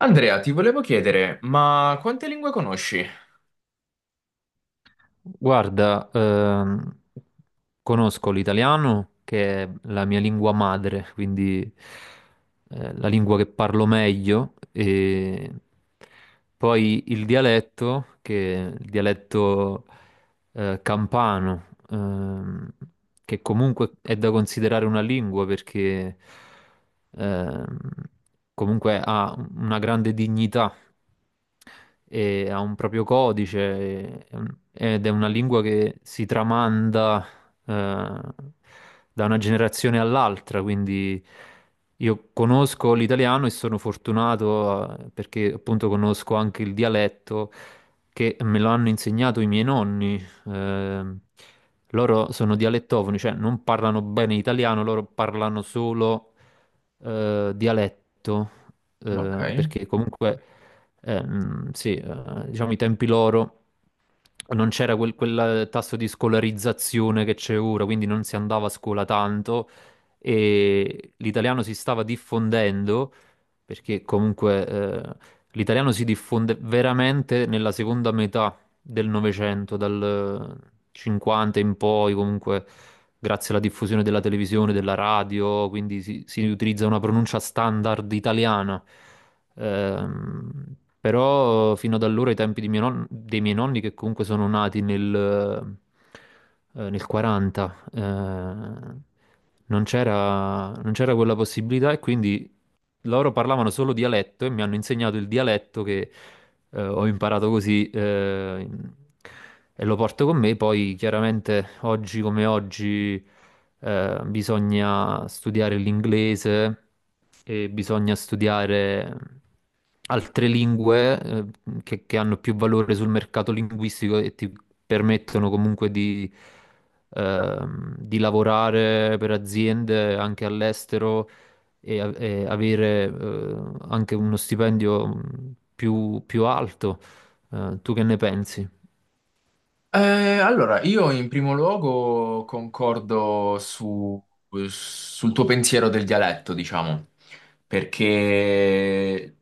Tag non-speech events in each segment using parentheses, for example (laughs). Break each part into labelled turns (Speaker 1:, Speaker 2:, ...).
Speaker 1: Andrea, ti volevo chiedere, ma quante lingue conosci?
Speaker 2: Guarda, conosco l'italiano che è la mia lingua madre, quindi la lingua che parlo meglio, e poi il dialetto, che è il dialetto campano, ehm, che comunque è da considerare una lingua perché ehm, comunque ha una grande dignità e ha un proprio codice e- ed è una lingua che si tramanda eh, da una generazione all'altra, quindi io conosco l'italiano e sono fortunato perché appunto conosco anche il dialetto che me lo hanno insegnato i miei nonni. Loro sono dialettofoni, cioè non parlano bene italiano, loro parlano solo dialetto,
Speaker 1: Ok.
Speaker 2: perché comunque, sì, diciamo i tempi loro non c'era quel tasso di scolarizzazione che c'è ora, quindi non si andava a scuola tanto e l'italiano si stava diffondendo perché comunque l'italiano si diffonde veramente nella seconda metà del Novecento, dal 50 in poi, comunque grazie alla diffusione della televisione, della radio, quindi si utilizza una pronuncia standard italiana. Però fino ad allora, ai tempi di mio non- dei miei nonni, che comunque sono nati nel 40, non c'era quella possibilità e quindi loro parlavano solo dialetto e mi hanno insegnato il dialetto che ho imparato così e lo porto con me. Poi chiaramente oggi come oggi bisogna studiare l'inglese e bisogna studiare altre lingue che hanno più valore sul mercato linguistico e ti permettono comunque di lavorare per aziende anche all'estero e avere anche uno stipendio più alto. Tu che ne pensi?
Speaker 1: Allora, io in primo luogo concordo sul tuo pensiero del dialetto, diciamo, perché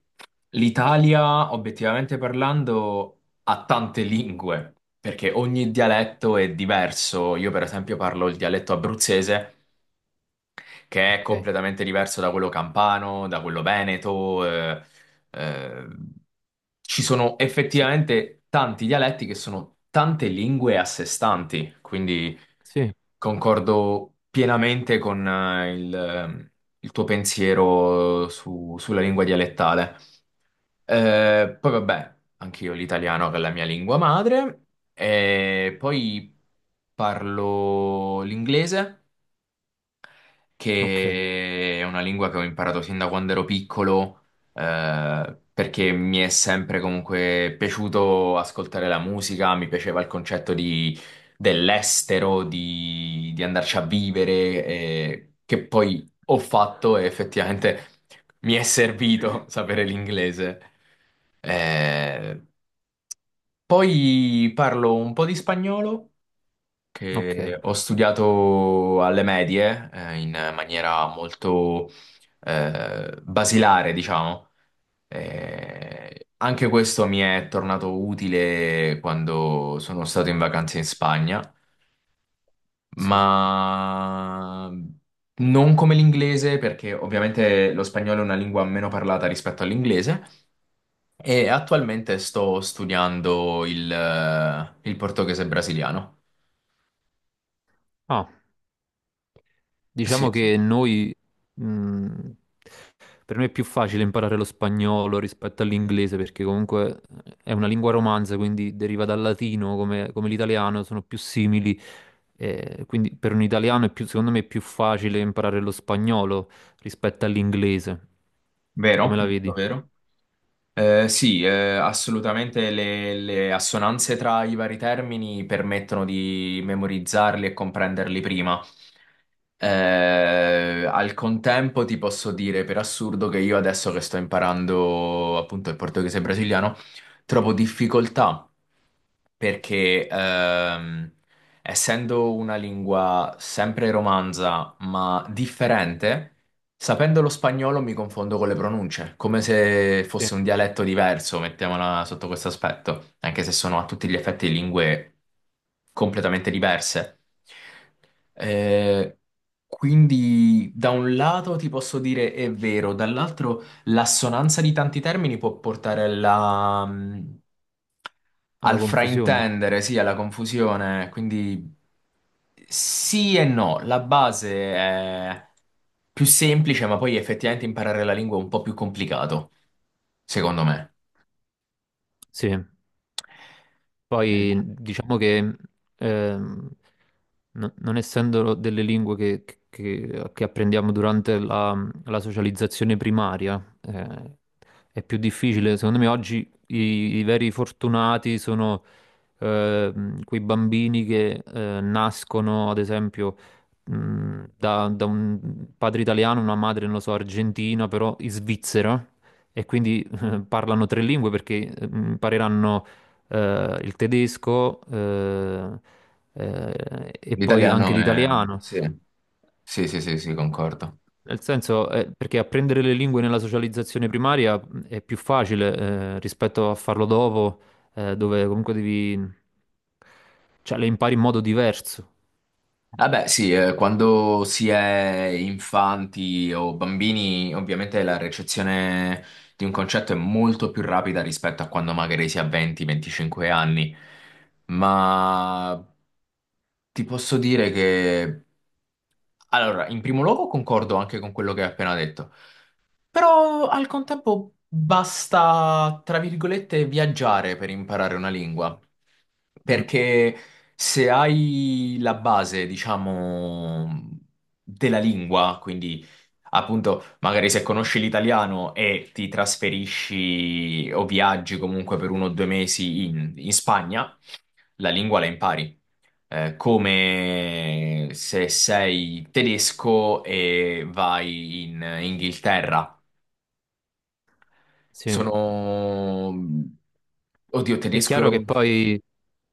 Speaker 1: l'Italia, obiettivamente parlando, ha tante lingue, perché ogni dialetto è diverso. Io, per esempio, parlo il dialetto abruzzese che è
Speaker 2: Ok.
Speaker 1: completamente diverso da quello campano, da quello veneto. Eh, Ci sono
Speaker 2: Sì.
Speaker 1: effettivamente tanti dialetti che sono tante lingue a sé stanti, quindi
Speaker 2: Sì,
Speaker 1: concordo pienamente con il tuo pensiero sulla lingua dialettale. Poi vabbè, anch'io l'italiano che è la mia lingua madre, e poi parlo l'inglese
Speaker 2: ok,
Speaker 1: che è una lingua che ho imparato sin da quando ero piccolo, perché mi è sempre comunque piaciuto ascoltare la musica, mi piaceva il concetto dell'estero, di andarci a vivere, che poi ho fatto e effettivamente mi è servito (laughs) sapere l'inglese. Eh, poi parlo un po' di spagnolo
Speaker 2: ok,
Speaker 1: che ho studiato alle medie, in maniera molto basilare, diciamo. Anche questo mi è tornato utile quando sono stato in vacanza in Spagna,
Speaker 2: sì.
Speaker 1: ma non come l'inglese, perché ovviamente lo spagnolo è una lingua meno parlata rispetto all'inglese. E attualmente sto studiando il portoghese brasiliano.
Speaker 2: Ah,
Speaker 1: Sì,
Speaker 2: diciamo
Speaker 1: sì.
Speaker 2: che noi, mh, per me è più facile imparare lo spagnolo rispetto all'inglese perché comunque è una lingua romanza, quindi deriva dal latino come, come l'italiano, sono più simili. Quindi per un italiano è secondo me è più facile imparare lo spagnolo rispetto all'inglese. Come
Speaker 1: Vero?
Speaker 2: la
Speaker 1: Molto
Speaker 2: vedi?
Speaker 1: vero. Sì, Assolutamente le assonanze tra i vari termini permettono di memorizzarli e comprenderli prima. Eh, Al contempo ti posso dire per assurdo che io adesso che sto imparando appunto il portoghese brasiliano, trovo difficoltà perché essendo una lingua sempre romanza, ma differente, sapendo lo spagnolo mi confondo con le pronunce, come se
Speaker 2: Sì.
Speaker 1: fosse un dialetto diverso, mettiamola sotto questo aspetto, anche se sono a tutti gli effetti lingue completamente diverse. Eh, quindi da un lato ti posso dire è vero, dall'altro... L'assonanza di tanti termini può portare alla,
Speaker 2: Alla
Speaker 1: al
Speaker 2: confusione?
Speaker 1: fraintendere, sì, alla confusione, quindi sì e no, la base è più semplice, ma poi effettivamente imparare la lingua è un po' più complicato, secondo me.
Speaker 2: Sì.
Speaker 1: Eh,
Speaker 2: Poi diciamo che ehm, non essendo delle lingue che apprendiamo durante la socializzazione primaria, è più difficile. Secondo me oggi i veri fortunati sono quei bambini che nascono, ad esempio, da un padre italiano, una madre, non lo so, argentina, però in Svizzera, e quindi (laughs) parlano tre lingue perché impareranno il tedesco e poi anche
Speaker 1: L'italiano è...
Speaker 2: l'italiano.
Speaker 1: Sì, sì, sì, sì, sì, concordo.
Speaker 2: Nel senso, perché apprendere le lingue nella socializzazione primaria è più facile rispetto a farlo dopo, dove comunque devi, cioè, le impari in modo diverso.
Speaker 1: Vabbè, sì, quando si è infanti o bambini, ovviamente la recezione di un concetto è molto più rapida rispetto a quando magari si ha 20-25 anni. Ma ti posso dire che, allora, in primo luogo concordo anche con quello che hai appena detto. Però al contempo basta, tra virgolette, viaggiare per imparare una lingua.
Speaker 2: Mm,
Speaker 1: Perché se hai la base, diciamo, della lingua, quindi appunto, magari se conosci l'italiano e ti trasferisci o viaggi comunque per uno o due mesi in Spagna, la lingua la impari. Come se sei tedesco e vai in Inghilterra
Speaker 2: sì.
Speaker 1: sono... Oddio,
Speaker 2: È chiaro che
Speaker 1: tedesco...
Speaker 2: poi,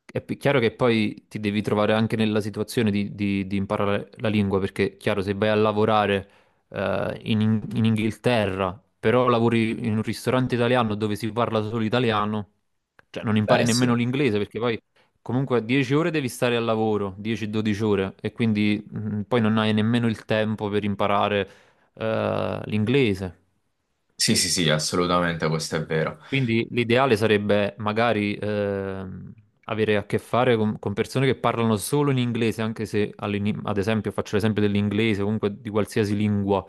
Speaker 2: chiaro che poi ti devi trovare anche nella situazione di, di imparare la lingua, perché chiaro, se vai a lavorare in, in Inghilterra, però lavori in un ristorante italiano dove si parla solo italiano, cioè non impari
Speaker 1: Beh,
Speaker 2: nemmeno
Speaker 1: sì.
Speaker 2: l'inglese, perché poi comunque 10 ore devi stare al lavoro, 10-12 ore, e quindi poi non hai nemmeno il tempo per imparare l'inglese.
Speaker 1: Sì, sì, sì, assolutamente, questo è vero.
Speaker 2: Quindi l'ideale sarebbe magari avere a che fare con persone che parlano solo in inglese, anche se ad esempio faccio l'esempio dell'inglese, comunque di qualsiasi lingua,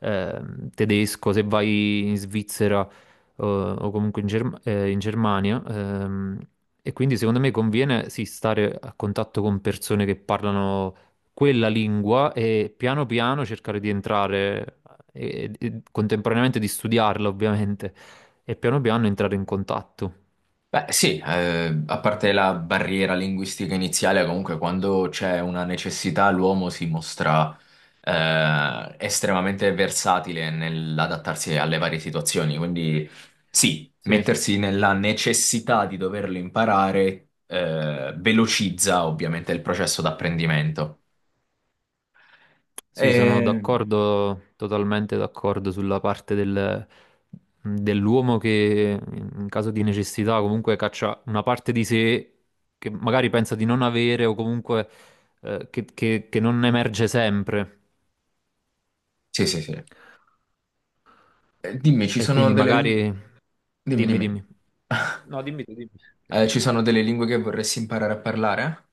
Speaker 2: tedesco, se vai in Svizzera o comunque in, in Germania. E quindi secondo me conviene sì, stare a contatto con persone che parlano quella lingua e piano piano cercare di entrare e contemporaneamente di studiarla, ovviamente e piano piano entrare in contatto.
Speaker 1: Beh, sì, a parte la barriera linguistica iniziale, comunque quando c'è una necessità l'uomo si mostra estremamente versatile nell'adattarsi alle varie situazioni, quindi sì,
Speaker 2: Sì,
Speaker 1: mettersi nella necessità di doverlo imparare velocizza ovviamente il processo d'apprendimento.
Speaker 2: sì, sono
Speaker 1: E...
Speaker 2: d'accordo, totalmente d'accordo sulla parte dell'uomo che in caso di necessità comunque caccia una parte di sé che magari pensa di non avere o comunque che non emerge sempre.
Speaker 1: Sì, sì, sì. Dimmi, ci
Speaker 2: E
Speaker 1: sono
Speaker 2: quindi
Speaker 1: delle lingue...
Speaker 2: magari.
Speaker 1: Dimmi,
Speaker 2: Dimmi,
Speaker 1: dimmi.
Speaker 2: dimmi.
Speaker 1: (laughs)
Speaker 2: No, dimmi tu, dimmi.
Speaker 1: Ci sono delle lingue che vorresti imparare a parlare?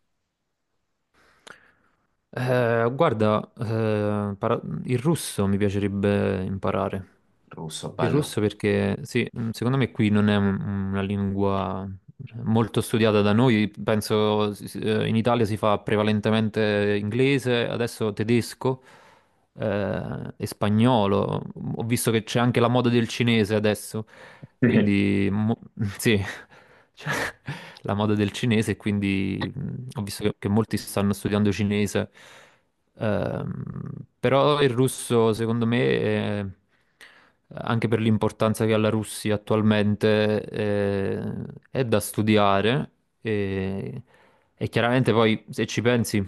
Speaker 2: Guarda, il russo mi piacerebbe imparare.
Speaker 1: Russo,
Speaker 2: Il
Speaker 1: bello.
Speaker 2: russo perché, sì, secondo me qui non è una lingua molto studiata da noi, penso in Italia si fa prevalentemente inglese, adesso tedesco e spagnolo. Ho visto che c'è anche la moda del cinese adesso,
Speaker 1: Sì.
Speaker 2: quindi (laughs) sì, (laughs) cioè, la moda del cinese, e quindi ho visto che molti stanno studiando cinese. Ehm, Però il russo, secondo me, anche per l'importanza che ha la Russia attualmente, è da studiare e, e chiaramente poi se ci pensi,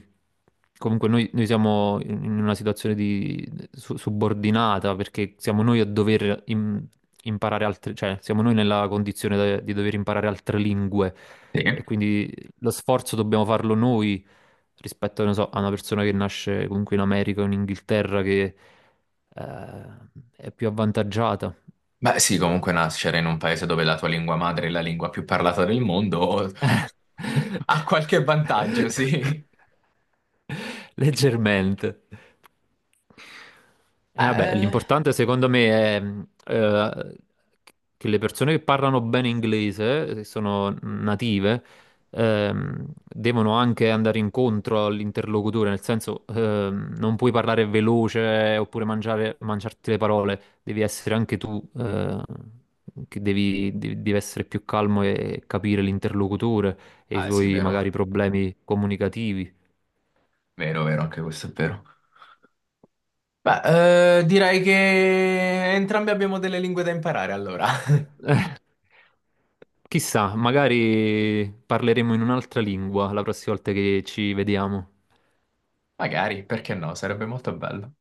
Speaker 2: comunque noi siamo in una situazione di subordinata perché siamo noi a dover imparare altre, cioè siamo noi nella condizione di dover imparare altre lingue
Speaker 1: Sì.
Speaker 2: e quindi lo sforzo dobbiamo farlo noi rispetto, non so, a una persona che nasce comunque in America o in Inghilterra che eh, è più avvantaggiata.
Speaker 1: Beh, sì, comunque nascere in un paese dove la tua lingua madre è la lingua più parlata del mondo (laughs)
Speaker 2: (laughs)
Speaker 1: ha qualche vantaggio, sì.
Speaker 2: Leggermente. Vabbè,
Speaker 1: Eh,
Speaker 2: l'importante secondo me è che le persone che parlano bene inglese, che sono native, devono anche andare incontro all'interlocutore, nel senso non puoi parlare veloce oppure mangiarti le parole, devi essere anche tu, che devi essere più calmo e capire l'interlocutore e i
Speaker 1: ah, sì,
Speaker 2: suoi
Speaker 1: vero.
Speaker 2: magari problemi comunicativi.
Speaker 1: Vero, vero, anche questo è vero. Beh, direi che entrambi abbiamo delle lingue da imparare, allora. (laughs)
Speaker 2: (laughs) Eh, Chissà, magari parleremo in un'altra lingua la prossima volta che ci vediamo.
Speaker 1: Magari, perché no? Sarebbe molto bello.